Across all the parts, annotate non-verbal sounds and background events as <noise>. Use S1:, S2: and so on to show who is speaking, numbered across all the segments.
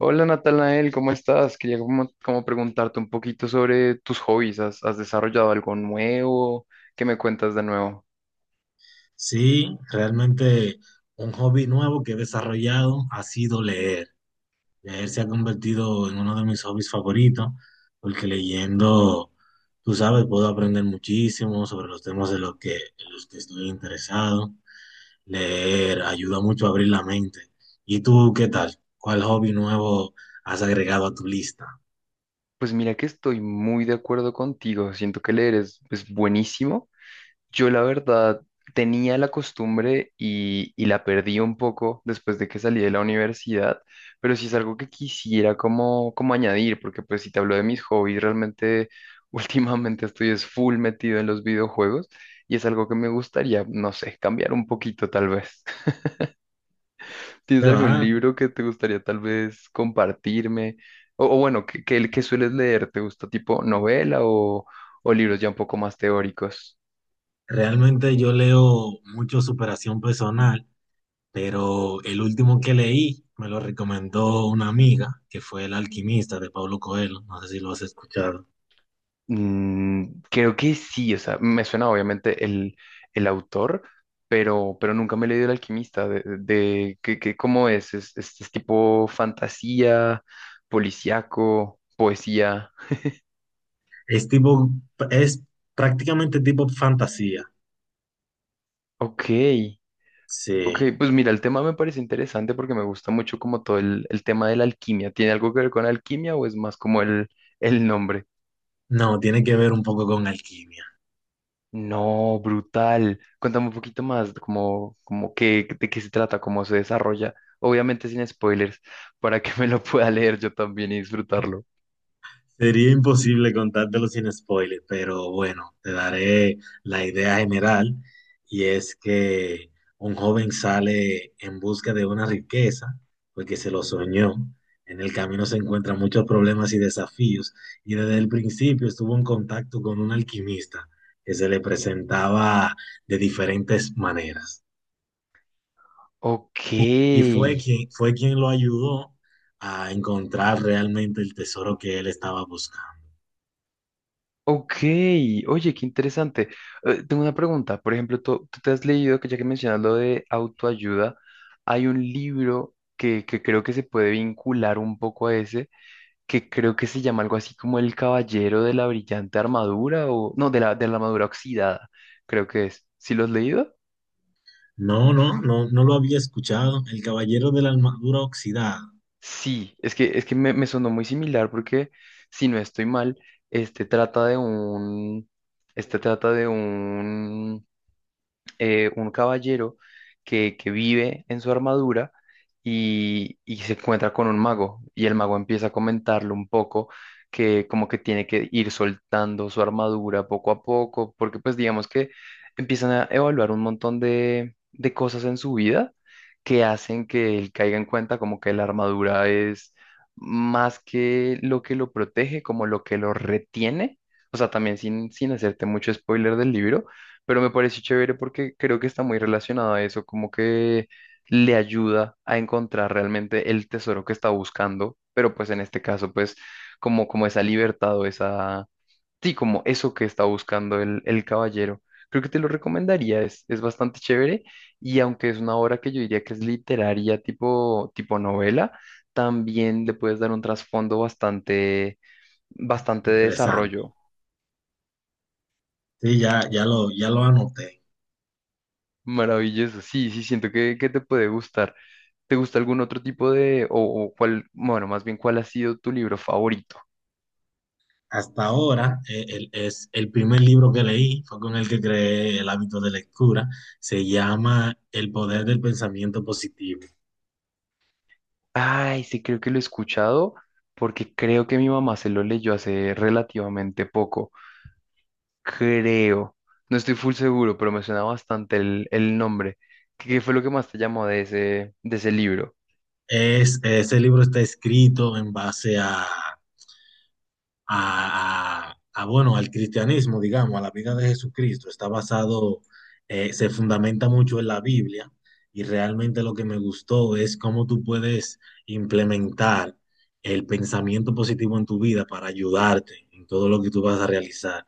S1: Hola Natanael, ¿cómo estás? Quería como preguntarte un poquito sobre tus hobbies. ¿Has desarrollado algo nuevo? ¿Qué me cuentas de nuevo?
S2: Sí, realmente un hobby nuevo que he desarrollado ha sido leer. Leer se ha convertido en uno de mis hobbies favoritos, porque leyendo, tú sabes, puedo aprender muchísimo sobre los temas de en los que estoy interesado. Leer ayuda mucho a abrir la mente. ¿Y tú qué tal? ¿Cuál hobby nuevo has agregado a tu lista?
S1: Pues mira que estoy muy de acuerdo contigo. Siento que leer es buenísimo. Yo la verdad tenía la costumbre y la perdí un poco después de que salí de la universidad, pero sí es algo que quisiera como añadir, porque pues si te hablo de mis hobbies, realmente <laughs> últimamente estoy es full metido en los videojuegos y es algo que me gustaría, no sé, cambiar un poquito tal vez. <laughs> ¿Tienes
S2: Ya
S1: algún
S2: va.
S1: libro que te gustaría tal vez compartirme? O bueno, que sueles leer? ¿Te gusta tipo novela o libros ya un poco más teóricos?
S2: Realmente yo leo mucho superación personal, pero el último que leí me lo recomendó una amiga, que fue El alquimista de Pablo Coelho, no sé si lo has escuchado.
S1: Mm, creo que sí, o sea, me suena obviamente el autor, pero nunca me he leído El Alquimista, ¿cómo es? ¿Es, es tipo fantasía, policíaco, poesía?
S2: Es tipo, es prácticamente tipo fantasía.
S1: Ok,
S2: Sí,
S1: ok, pues mira, el tema me parece interesante porque me gusta mucho como todo el tema de la alquimia. ¿Tiene algo que ver con alquimia o es más como el nombre?
S2: no, tiene que ver un poco con alquimia.
S1: No, brutal. Cuéntame un poquito más, como qué, de qué se trata, cómo se desarrolla. Obviamente sin spoilers, <laughs> para que me lo pueda leer yo también y disfrutarlo.
S2: Sería imposible contártelo sin spoiler, pero bueno, te daré la idea general, y es que un joven sale en busca de una riqueza porque se lo soñó. En el camino se encuentran muchos problemas y desafíos, y desde el principio estuvo en contacto con un alquimista que se le presentaba de diferentes maneras,
S1: Ok,
S2: y fue quien lo ayudó a encontrar realmente el tesoro que él estaba buscando.
S1: ok. Oye, qué interesante. Tengo una pregunta. Por ejemplo, tú te has leído, que ya que mencionas lo de autoayuda, hay un libro que creo que se puede vincular un poco a ese, que creo que se llama algo así como el Caballero de la Brillante Armadura o no, de la Armadura Oxidada, creo que es. ¿Sí lo has leído?
S2: No, no, no, no lo había escuchado. El Caballero de la Armadura Oxidada.
S1: Sí, es que me, me sonó muy similar porque, si no estoy mal, este trata de un, este trata de un caballero que vive en su armadura y se encuentra con un mago y el mago empieza a comentarle un poco que como que tiene que ir soltando su armadura poco a poco, porque pues digamos que empiezan a evaluar un montón de cosas en su vida que hacen que él caiga en cuenta como que la armadura es más que lo protege, como lo que lo retiene. O sea, también sin hacerte mucho spoiler del libro, pero me parece chévere porque creo que está muy relacionado a eso, como que le ayuda a encontrar realmente el tesoro que está buscando, pero pues en este caso, pues como esa libertad o sí, como eso que está buscando el caballero. Creo que te lo recomendaría, es bastante chévere y aunque es una obra que yo diría que es literaria tipo novela, también le puedes dar un trasfondo bastante de
S2: Interesante.
S1: desarrollo.
S2: Sí, ya lo anoté.
S1: Maravilloso, sí, sí, siento que te puede gustar. ¿Te gusta algún otro tipo de, o cuál, bueno, más bien cuál ha sido tu libro favorito?
S2: Hasta ahora, es el primer libro que leí, fue con el que creé el hábito de lectura. Se llama El poder del pensamiento positivo.
S1: Ay, sí, creo que lo he escuchado porque creo que mi mamá se lo leyó hace relativamente poco. Creo. No estoy full seguro, pero me suena bastante el nombre. ¿Qué fue lo que más te llamó de ese libro?
S2: Es, ese libro está escrito en base a bueno, al cristianismo, digamos, a la vida de Jesucristo. Está basado, se fundamenta mucho en la Biblia, y realmente lo que me gustó es cómo tú puedes implementar el pensamiento positivo en tu vida para ayudarte en todo lo que tú vas a realizar.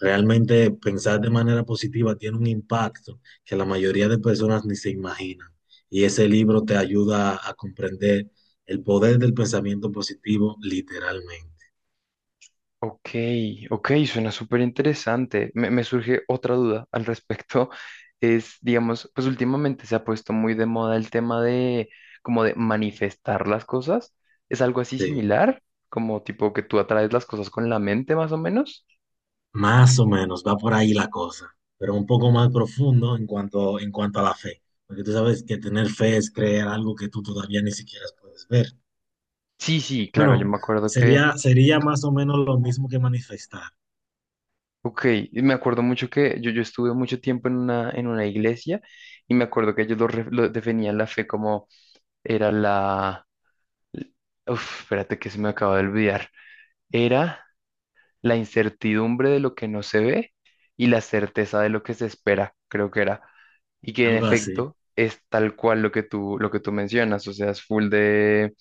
S2: Realmente pensar de manera positiva tiene un impacto que la mayoría de personas ni se imaginan. Y ese libro te ayuda a comprender el poder del pensamiento positivo literalmente.
S1: Ok, ok, suena súper interesante. Me surge otra duda al respecto. <laughs> Es, digamos, pues últimamente se ha puesto muy de moda el tema de como de manifestar las cosas. ¿Es algo así
S2: Sí.
S1: similar? Como tipo que tú atraes las cosas con la mente más o menos.
S2: Más o menos, va por ahí la cosa, pero un poco más profundo en cuanto a la fe, porque tú sabes que tener fe es creer algo que tú todavía ni siquiera puedes ver.
S1: Sí, sí, claro, yo
S2: Bueno,
S1: me acuerdo que,
S2: sería más o menos lo mismo que manifestar,
S1: ok, y me acuerdo mucho que yo estuve mucho tiempo en en una iglesia y me acuerdo que ellos lo definían la fe como era la... Uf, espérate que se me acaba de olvidar. Era... la incertidumbre de lo que no se ve y la certeza de lo que se espera, creo que era. Y que en
S2: algo así,
S1: efecto es tal cual lo que tú mencionas, o sea, es full de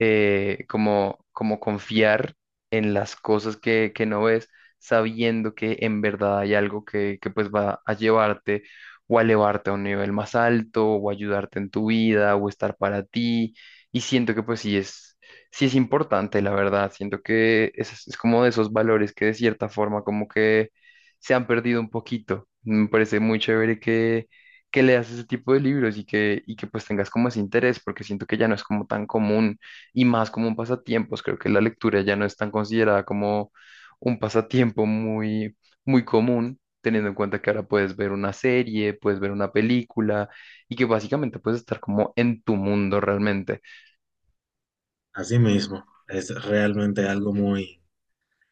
S1: como, como confiar en las cosas que no ves, sabiendo que en verdad hay algo que pues va a llevarte o a elevarte a un nivel más alto o ayudarte en tu vida o estar para ti. Y siento que pues sí es importante, la verdad. Siento que es como de esos valores que de cierta forma como que se han perdido un poquito. Me parece muy chévere que leas ese tipo de libros y que pues tengas como ese interés, porque siento que ya no es como tan común y más como un pasatiempos. Creo que la lectura ya no es tan considerada como un pasatiempo muy, muy común. Teniendo en cuenta que ahora puedes ver una serie, puedes ver una película y que básicamente puedes estar como en tu mundo realmente.
S2: así mismo. Es realmente algo muy,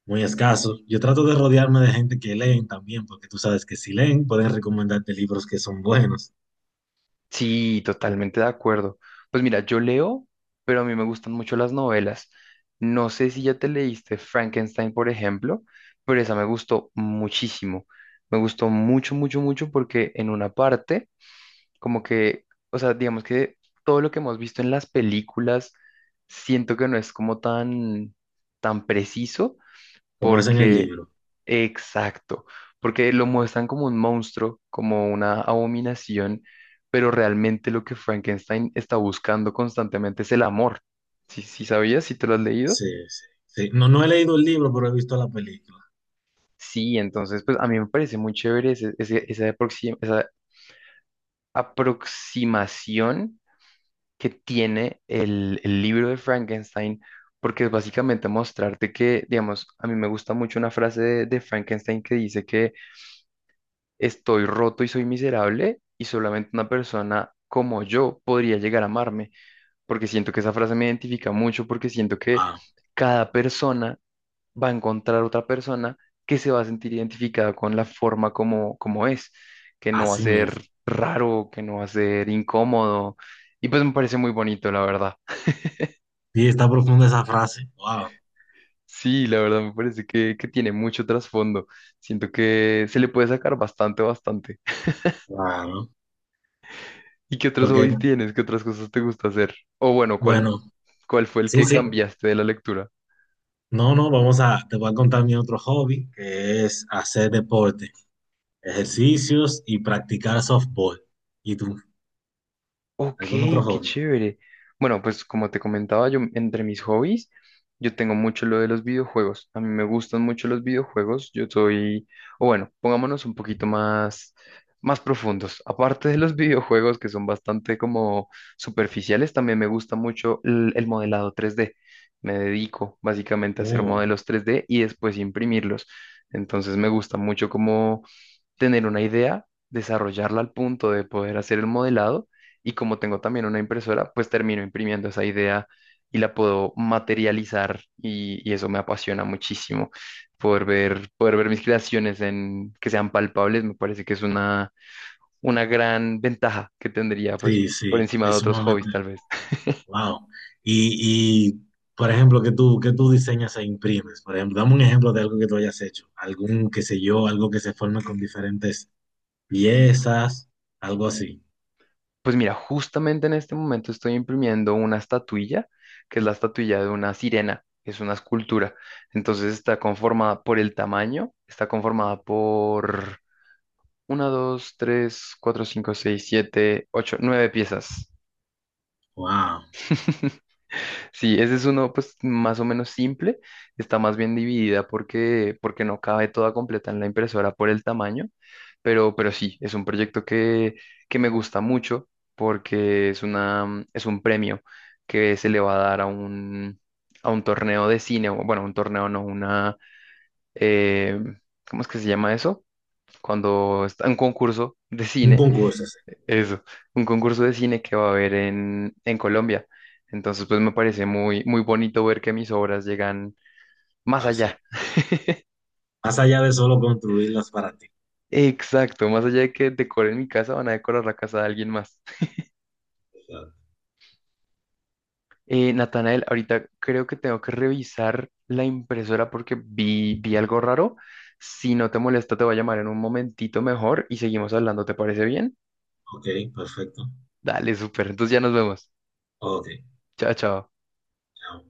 S2: muy escaso. Yo trato de rodearme de gente que leen también, porque tú sabes que si leen pueden recomendarte libros que son buenos,
S1: Sí, totalmente de acuerdo. Pues mira, yo leo, pero a mí me gustan mucho las novelas. No sé si ya te leíste Frankenstein, por ejemplo, pero esa me gustó muchísimo. Me gustó mucho, mucho, mucho porque en una parte, como que, o sea, digamos que todo lo que hemos visto en las películas, siento que no es como tan preciso,
S2: como es en el
S1: porque,
S2: libro.
S1: exacto, porque lo muestran como un monstruo, como una abominación, pero realmente lo que Frankenstein está buscando constantemente es el amor. ¿Sí, sí sabías? ¿Sí te lo has leído?
S2: Sí, sí, sí. No, no he leído el libro, pero he visto la película.
S1: Sí, entonces, pues a mí me parece muy chévere esa aproximación que tiene el libro de Frankenstein, porque es básicamente mostrarte que, digamos, a mí me gusta mucho una frase de Frankenstein que dice que estoy roto y soy miserable y solamente una persona como yo podría llegar a amarme, porque siento que esa frase me identifica mucho, porque siento que
S2: Wow,
S1: cada persona va a encontrar otra persona que se va a sentir identificada con la forma como, como es, que no va a
S2: así
S1: ser
S2: mismo.
S1: raro, que no va a ser incómodo, y pues me parece muy bonito, la verdad.
S2: Sí, está profunda esa frase. Wow.
S1: Sí, la verdad me parece que tiene mucho trasfondo. Siento que se le puede sacar bastante, bastante.
S2: Claro.
S1: ¿Y qué otros
S2: Porque,
S1: hobbies tienes? ¿Qué otras cosas te gusta hacer? O bueno, ¿cuál,
S2: bueno,
S1: cuál fue el
S2: sí,
S1: que
S2: sí.
S1: cambiaste de la lectura?
S2: No, no, vamos a, te voy a contar mi otro hobby, que es hacer deporte, ejercicios y practicar softball. ¿Y tú?
S1: Ok,
S2: ¿Algún otro
S1: qué
S2: hobby?
S1: chévere. Bueno, pues como te comentaba, yo entre mis hobbies, yo tengo mucho lo de los videojuegos. A mí me gustan mucho los videojuegos. Yo soy, o bueno, pongámonos un poquito más profundos. Aparte de los <laughs> videojuegos que son bastante como superficiales, también me gusta mucho el modelado 3D. Me dedico básicamente a hacer
S2: Oh,
S1: modelos 3D y después imprimirlos. Entonces me gusta mucho como tener una idea, desarrollarla al punto de poder hacer el modelado y como tengo también una impresora, pues termino imprimiendo esa idea y la puedo materializar y eso me apasiona muchísimo. Poder ver mis creaciones en, que sean palpables me parece que es una gran ventaja que tendría pues
S2: sí,
S1: por
S2: sí,
S1: encima de
S2: es
S1: otros
S2: sumamente,
S1: hobbies tal vez.
S2: wow. Y, y, por ejemplo, qué tú diseñas e imprimes? Por ejemplo, dame un ejemplo de algo que tú hayas hecho. Algún, qué sé yo, algo que se forme con diferentes piezas, algo así.
S1: Pues mira, justamente en este momento estoy imprimiendo una estatuilla, que es la estatuilla de una sirena, es una escultura. Entonces está conformada por el tamaño, está conformada por una, 2, 3, 4, 5, 6, 7, 8, 9 piezas.
S2: Wow.
S1: <laughs> Sí, ese es uno pues más o menos simple, está más bien dividida porque, porque no cabe toda completa en la impresora por el tamaño, pero sí, es un proyecto que me gusta mucho porque es una, es un premio que se le va a dar a un torneo de cine, o bueno, un torneo no, una, eh, ¿cómo es que se llama eso? Cuando está un concurso de
S2: Un
S1: cine
S2: concurso.
S1: eso, un concurso de cine que va a haber en Colombia. Entonces, pues me parece muy, muy bonito ver que mis obras llegan más
S2: Ah, sí.
S1: allá.
S2: Más allá de solo construirlas para ti.
S1: Exacto, más allá de que decoren mi casa, van a decorar la casa de alguien más.
S2: O sea,
S1: Natanael, ahorita creo que tengo que revisar la impresora porque vi algo raro. Si no te molesta, te voy a llamar en un momentito mejor y seguimos hablando, ¿te parece bien?
S2: ok, perfecto.
S1: Dale, súper. Entonces ya nos vemos.
S2: Ok.
S1: Chao, chao.
S2: Ya.